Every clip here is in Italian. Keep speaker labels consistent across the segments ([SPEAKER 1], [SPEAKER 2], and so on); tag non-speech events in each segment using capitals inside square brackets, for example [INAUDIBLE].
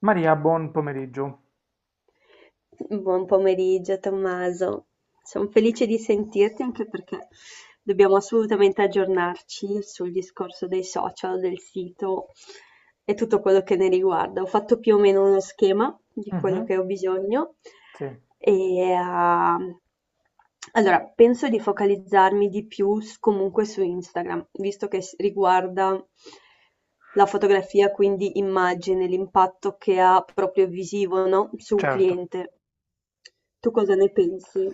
[SPEAKER 1] Maria, buon pomeriggio.
[SPEAKER 2] Buon pomeriggio Tommaso, sono felice di sentirti anche perché dobbiamo assolutamente aggiornarci sul discorso dei social, del sito e tutto quello che ne riguarda. Ho fatto più o meno uno schema di quello
[SPEAKER 1] Mhm,
[SPEAKER 2] che ho bisogno
[SPEAKER 1] sì,
[SPEAKER 2] e, allora, penso di focalizzarmi di più comunque su Instagram, visto che riguarda la fotografia, quindi immagine, l'impatto che ha proprio visivo, no? Su un
[SPEAKER 1] certo.
[SPEAKER 2] cliente. Tu cosa ne pensi?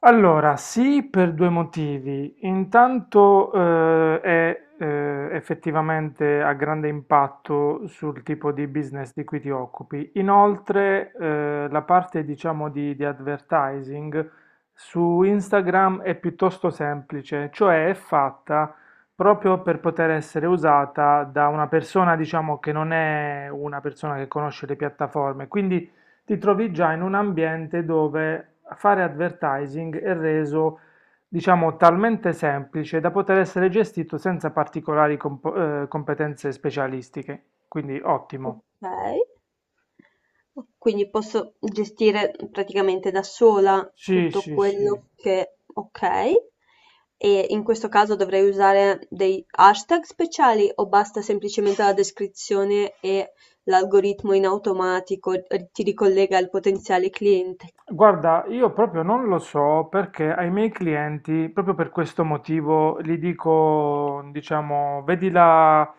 [SPEAKER 1] Allora, sì, per due motivi. Intanto è effettivamente a grande impatto sul tipo di business di cui ti occupi. Inoltre, la parte, diciamo, di advertising su Instagram è piuttosto semplice, cioè è fatta proprio per poter essere usata da una persona, diciamo, che non è una persona che conosce le piattaforme. Quindi ti trovi già in un ambiente dove fare advertising è reso, diciamo, talmente semplice da poter essere gestito senza particolari competenze specialistiche. Quindi ottimo.
[SPEAKER 2] Ok. Quindi posso gestire praticamente da sola
[SPEAKER 1] Sì,
[SPEAKER 2] tutto
[SPEAKER 1] sì, sì.
[SPEAKER 2] quello che... Ok. E in questo caso dovrei usare dei hashtag speciali o basta semplicemente la descrizione e l'algoritmo in automatico ti ricollega al potenziale cliente?
[SPEAKER 1] Guarda, io proprio non lo so perché ai miei clienti, proprio per questo motivo, gli dico, diciamo, vedila,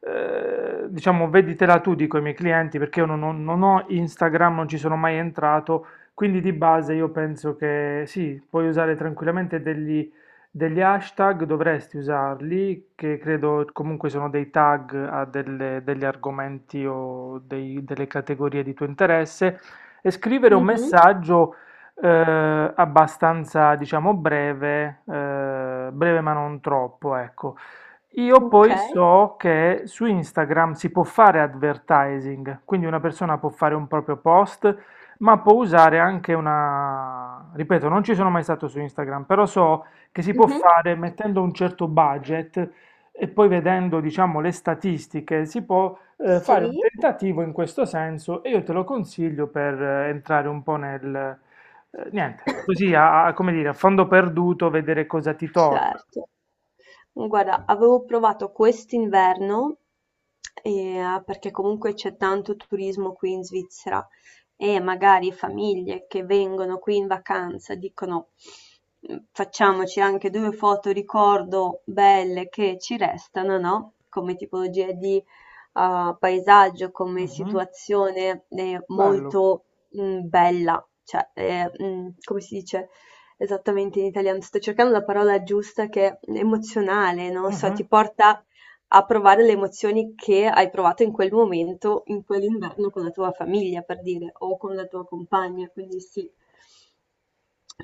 [SPEAKER 1] diciamo, veditela tu, dico ai miei clienti, perché io non, ho non ho Instagram, non ci sono mai entrato, quindi di base io penso che sì, puoi usare tranquillamente degli hashtag, dovresti usarli, che credo comunque sono dei tag a degli argomenti o delle categorie di tuo interesse e scrivere un
[SPEAKER 2] Mhm.
[SPEAKER 1] messaggio abbastanza, diciamo, breve, breve ma non troppo, ecco. Io
[SPEAKER 2] Ok.
[SPEAKER 1] poi so che su Instagram si può fare advertising, quindi una persona può fare un proprio post, ma può usare anche una... Ripeto, non ci sono mai stato su Instagram, però so che si può
[SPEAKER 2] Mhm.
[SPEAKER 1] fare mettendo un certo budget e poi vedendo, diciamo, le statistiche si può fare un
[SPEAKER 2] Sì.
[SPEAKER 1] tentativo in questo senso e io te lo consiglio per entrare un po' nel... niente, così
[SPEAKER 2] [COUGHS]
[SPEAKER 1] a, come dire, a fondo perduto, vedere cosa ti torna.
[SPEAKER 2] Certo. Guarda, avevo provato quest'inverno, perché comunque c'è tanto turismo qui in Svizzera e magari famiglie che vengono qui in vacanza dicono "Facciamoci anche due foto ricordo belle che ci restano, no? Come tipologia di paesaggio, come
[SPEAKER 1] Mhm.
[SPEAKER 2] situazione
[SPEAKER 1] Bello.
[SPEAKER 2] molto bella, cioè come si dice? Esattamente in italiano, sto cercando la parola giusta che è emozionale, non lo so,
[SPEAKER 1] Mhm.
[SPEAKER 2] ti porta a provare le emozioni che hai provato in quel momento, in quell'inverno con la tua famiglia, per dire, o con la tua compagna, quindi sì.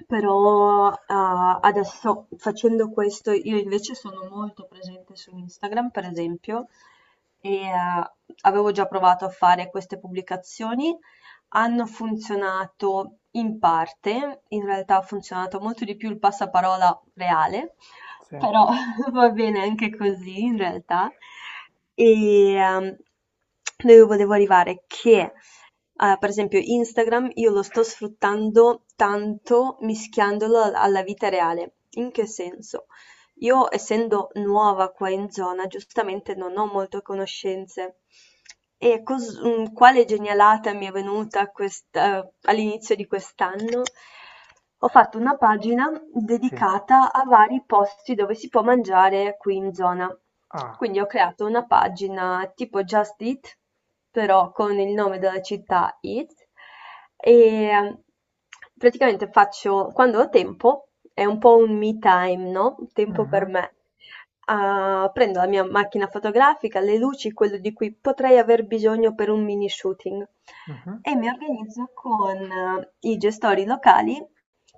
[SPEAKER 2] Però, adesso facendo questo io invece sono molto presente su Instagram, per esempio, e, avevo già provato a fare queste pubblicazioni. Hanno funzionato in parte, in realtà ha funzionato molto di più il passaparola reale,
[SPEAKER 1] Sì,
[SPEAKER 2] però [LAUGHS] va bene anche così in realtà. E, dove volevo arrivare? Per esempio Instagram io lo sto sfruttando tanto mischiandolo alla vita reale. In che senso? Io, essendo nuova qua in zona, giustamente non ho molte conoscenze. E quale genialata mi è venuta all'inizio di quest'anno? Ho fatto una pagina
[SPEAKER 1] sì.
[SPEAKER 2] dedicata a vari posti dove si può mangiare qui in zona.
[SPEAKER 1] Ah,
[SPEAKER 2] Quindi ho creato una pagina tipo Just Eat, però con il nome della città Eat, e mm, praticamente faccio, quando ho tempo, è un po' un me time, no? Un tempo per
[SPEAKER 1] mhm,
[SPEAKER 2] me. Prendo la mia macchina fotografica, le luci, quello di cui potrei aver bisogno per un mini shooting
[SPEAKER 1] mhm,
[SPEAKER 2] e mi organizzo con i gestori locali,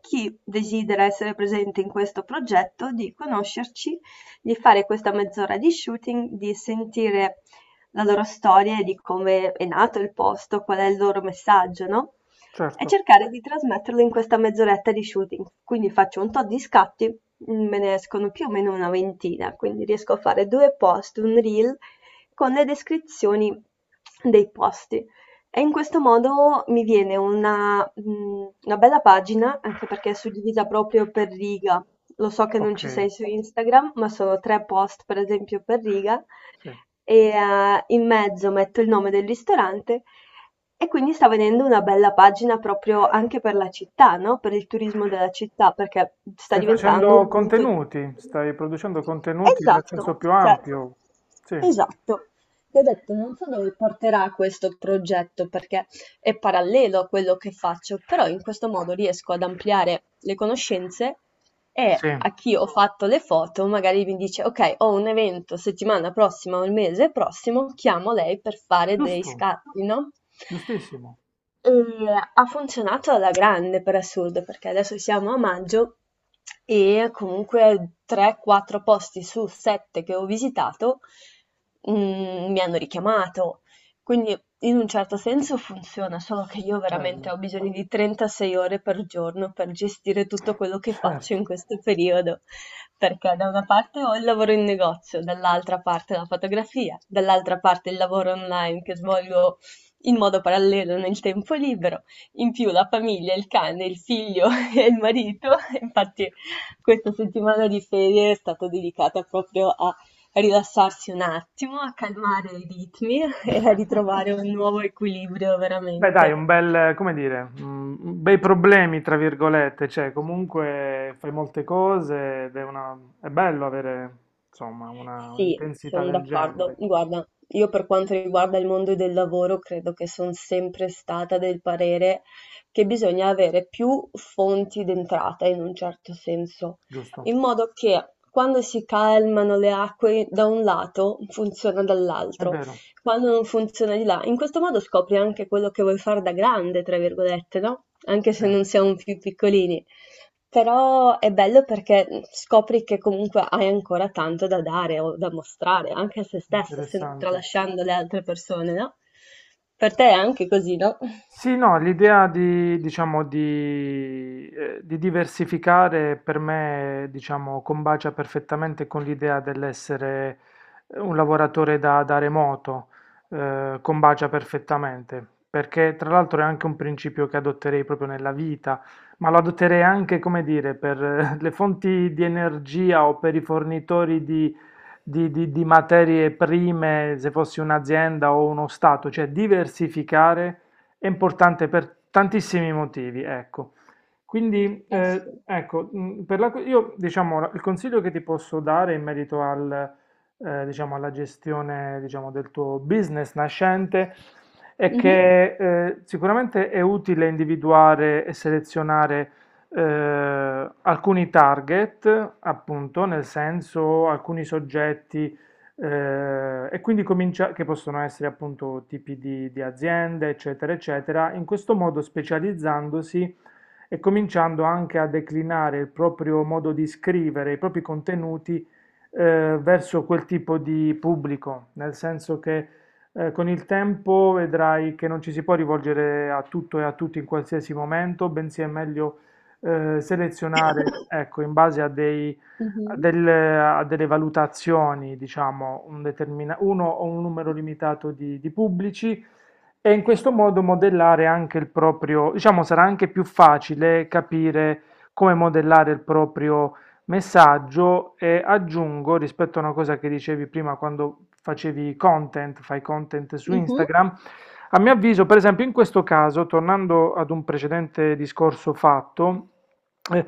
[SPEAKER 2] chi desidera essere presente in questo progetto, di conoscerci, di fare questa mezz'ora di shooting, di sentire la loro storia e di come è nato il posto, qual è il loro messaggio, no? E
[SPEAKER 1] certo,
[SPEAKER 2] cercare di trasmetterlo in questa mezz'oretta di shooting. Quindi faccio un tot di scatti, me ne escono più o meno una ventina, quindi riesco a fare due post, un reel con le descrizioni dei posti. E in questo modo mi viene una bella pagina, anche perché è suddivisa proprio per riga. Lo so che non
[SPEAKER 1] ok,
[SPEAKER 2] ci sei su Instagram, ma sono tre post, per esempio, per riga
[SPEAKER 1] sì.
[SPEAKER 2] e in mezzo metto il nome del ristorante e quindi sta venendo una bella pagina proprio anche per la città, no? Per il turismo della città, perché sta
[SPEAKER 1] Stai
[SPEAKER 2] diventando
[SPEAKER 1] facendo
[SPEAKER 2] un punto.
[SPEAKER 1] contenuti, stai producendo contenuti nel senso
[SPEAKER 2] Esatto,
[SPEAKER 1] più
[SPEAKER 2] cioè,
[SPEAKER 1] ampio. Sì.
[SPEAKER 2] esatto. Ti ho detto, non so dove porterà questo progetto perché è parallelo a quello che faccio, però in questo modo riesco ad ampliare le conoscenze e
[SPEAKER 1] Sì,
[SPEAKER 2] a chi ho fatto le foto magari mi dice, ok, ho un evento settimana prossima o il mese prossimo, chiamo lei per fare dei
[SPEAKER 1] giusto,
[SPEAKER 2] scatti, no?
[SPEAKER 1] giustissimo,
[SPEAKER 2] Ehm, ha funzionato alla grande per assurdo, perché adesso siamo a maggio e comunque 3-4 posti su 7 che ho visitato, mi hanno richiamato. Quindi in un certo senso funziona, solo che io veramente
[SPEAKER 1] bello,
[SPEAKER 2] ho bisogno di 36 ore per giorno per gestire tutto quello che faccio
[SPEAKER 1] certo.
[SPEAKER 2] in questo periodo, perché da una parte ho il lavoro in negozio, dall'altra parte la fotografia, dall'altra parte il lavoro online che svolgo in modo parallelo nel tempo libero. In più la famiglia, il cane, il figlio [LAUGHS] e il marito. Infatti questa settimana di ferie è stata dedicata proprio a rilassarsi un attimo, a calmare i ritmi e a ritrovare
[SPEAKER 1] [LAUGHS]
[SPEAKER 2] un nuovo equilibrio
[SPEAKER 1] Beh, dai,
[SPEAKER 2] veramente.
[SPEAKER 1] un bel, come dire, mm, bei problemi, tra virgolette, cioè comunque fai molte cose ed è, una, è bello avere, insomma, una,
[SPEAKER 2] Sì,
[SPEAKER 1] un'intensità
[SPEAKER 2] sono
[SPEAKER 1] del
[SPEAKER 2] d'accordo.
[SPEAKER 1] genere,
[SPEAKER 2] Guarda, io per quanto riguarda il mondo del lavoro, credo che sono sempre stata del parere che bisogna avere più fonti d'entrata in un certo senso,
[SPEAKER 1] giusto?
[SPEAKER 2] in modo che quando si calmano le acque da un lato funziona
[SPEAKER 1] È
[SPEAKER 2] dall'altro,
[SPEAKER 1] vero,
[SPEAKER 2] quando non funziona di là. In questo modo scopri anche quello che vuoi fare da grande, tra virgolette, no? Anche
[SPEAKER 1] sì,
[SPEAKER 2] se non siamo più piccolini. Però è bello perché scopri che comunque hai ancora tanto da dare o da mostrare, anche a se stesso,
[SPEAKER 1] interessante.
[SPEAKER 2] tralasciando le altre persone, no? Per te è anche così, no?
[SPEAKER 1] Sì, no, l'idea di, diciamo, di diversificare per me, diciamo, combacia perfettamente con l'idea dell'essere un lavoratore da, da remoto, combacia perfettamente, perché tra l'altro è anche un principio che adotterei proprio nella vita, ma lo adotterei anche, come dire, per le fonti di energia o per i fornitori di, di materie prime, se fossi un'azienda o uno stato, cioè diversificare è importante per tantissimi motivi, ecco. Quindi,
[SPEAKER 2] Eh sì.
[SPEAKER 1] ecco, per la, io diciamo il consiglio che ti posso dare in merito al, diciamo, alla gestione, diciamo, del tuo business nascente è
[SPEAKER 2] Mhm.
[SPEAKER 1] che sicuramente è utile individuare e selezionare alcuni target, appunto, nel senso alcuni soggetti e quindi comincia, che possono essere appunto tipi di aziende, eccetera, eccetera, in questo modo specializzandosi e cominciando anche a declinare il proprio modo di scrivere, i propri contenuti verso quel tipo di pubblico, nel senso che con il tempo vedrai che non ci si può rivolgere a tutto e a tutti in qualsiasi momento, bensì è meglio selezionare,
[SPEAKER 2] [LAUGHS]
[SPEAKER 1] ecco, in base a dei
[SPEAKER 2] Mhm.
[SPEAKER 1] a delle valutazioni, diciamo, un uno o un numero limitato di pubblici e in questo modo modellare anche il proprio, diciamo, sarà anche più facile capire come modellare il proprio messaggio e aggiungo rispetto a una cosa che dicevi prima quando facevi content, fai content su
[SPEAKER 2] Mhm.
[SPEAKER 1] Instagram. A mio avviso, per esempio, in questo caso, tornando ad un precedente discorso fatto, eh,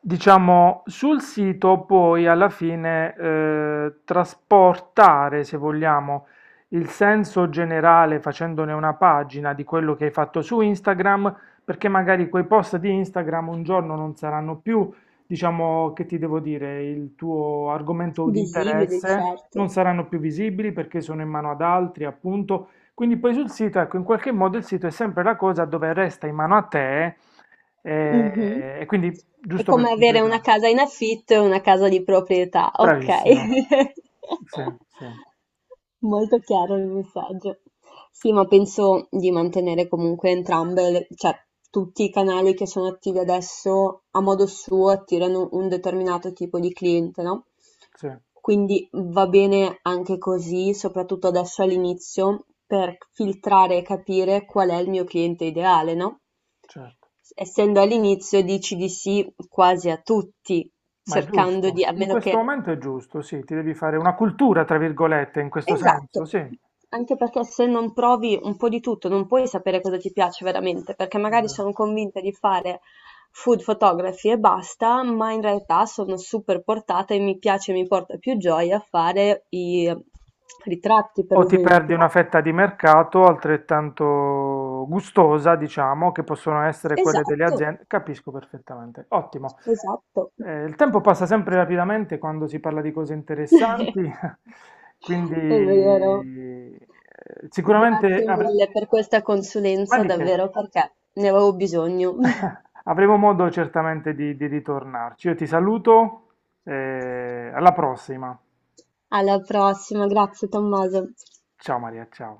[SPEAKER 1] diciamo, sul sito poi alla fine trasportare, se vogliamo, il senso generale facendone una pagina di quello che hai fatto su Instagram, perché magari quei post di Instagram un giorno non saranno più, diciamo, che ti devo dire, il tuo argomento di
[SPEAKER 2] Visibili,
[SPEAKER 1] interesse, non
[SPEAKER 2] certo.
[SPEAKER 1] saranno più visibili perché sono in mano ad altri, appunto quindi poi sul sito, ecco, in qualche modo il sito è sempre la cosa dove resta in mano a te
[SPEAKER 2] Mh-mh.
[SPEAKER 1] e quindi,
[SPEAKER 2] È
[SPEAKER 1] giusto per
[SPEAKER 2] come avere una
[SPEAKER 1] completare,
[SPEAKER 2] casa in affitto e una casa di proprietà,
[SPEAKER 1] bravissima,
[SPEAKER 2] okay.
[SPEAKER 1] sì, sì,
[SPEAKER 2] [LAUGHS] Molto chiaro il messaggio. Sì, ma penso di mantenere comunque entrambe le cioè tutti i canali che sono attivi adesso, a modo suo, attirano un determinato tipo di cliente, no,
[SPEAKER 1] sì,
[SPEAKER 2] quindi va bene anche così, soprattutto adesso all'inizio, per filtrare e capire qual è il mio cliente ideale, no?
[SPEAKER 1] certo,
[SPEAKER 2] Essendo all'inizio dici di sì quasi a tutti,
[SPEAKER 1] ma è
[SPEAKER 2] cercando di,
[SPEAKER 1] giusto,
[SPEAKER 2] a
[SPEAKER 1] in
[SPEAKER 2] meno
[SPEAKER 1] questo
[SPEAKER 2] che...
[SPEAKER 1] momento è giusto, sì, ti devi fare una cultura, tra virgolette, in questo senso,
[SPEAKER 2] Esatto,
[SPEAKER 1] sì,
[SPEAKER 2] anche perché se non provi un po' di tutto non puoi sapere cosa ti piace veramente, perché magari sono convinta di fare food photography e basta, ma in realtà sono super portata e mi piace, mi porta più gioia fare i ritratti, per
[SPEAKER 1] o ti perdi
[SPEAKER 2] esempio.
[SPEAKER 1] una fetta di mercato altrettanto gustosa, diciamo, che possono essere quelle delle
[SPEAKER 2] Esatto,
[SPEAKER 1] aziende. Capisco perfettamente. Ottimo.
[SPEAKER 2] esatto.
[SPEAKER 1] Il tempo passa sempre rapidamente quando si parla di cose
[SPEAKER 2] [LAUGHS]
[SPEAKER 1] interessanti, [LAUGHS] quindi
[SPEAKER 2] È vero.
[SPEAKER 1] eh, sicuramente
[SPEAKER 2] Grazie mille per questa
[SPEAKER 1] ma
[SPEAKER 2] consulenza,
[SPEAKER 1] di che?
[SPEAKER 2] davvero, perché ne avevo bisogno. [LAUGHS]
[SPEAKER 1] [LAUGHS] avremo modo certamente di ritornarci. Io ti saluto, alla prossima.
[SPEAKER 2] Alla prossima, grazie Tommaso.
[SPEAKER 1] Ciao Maria, ciao.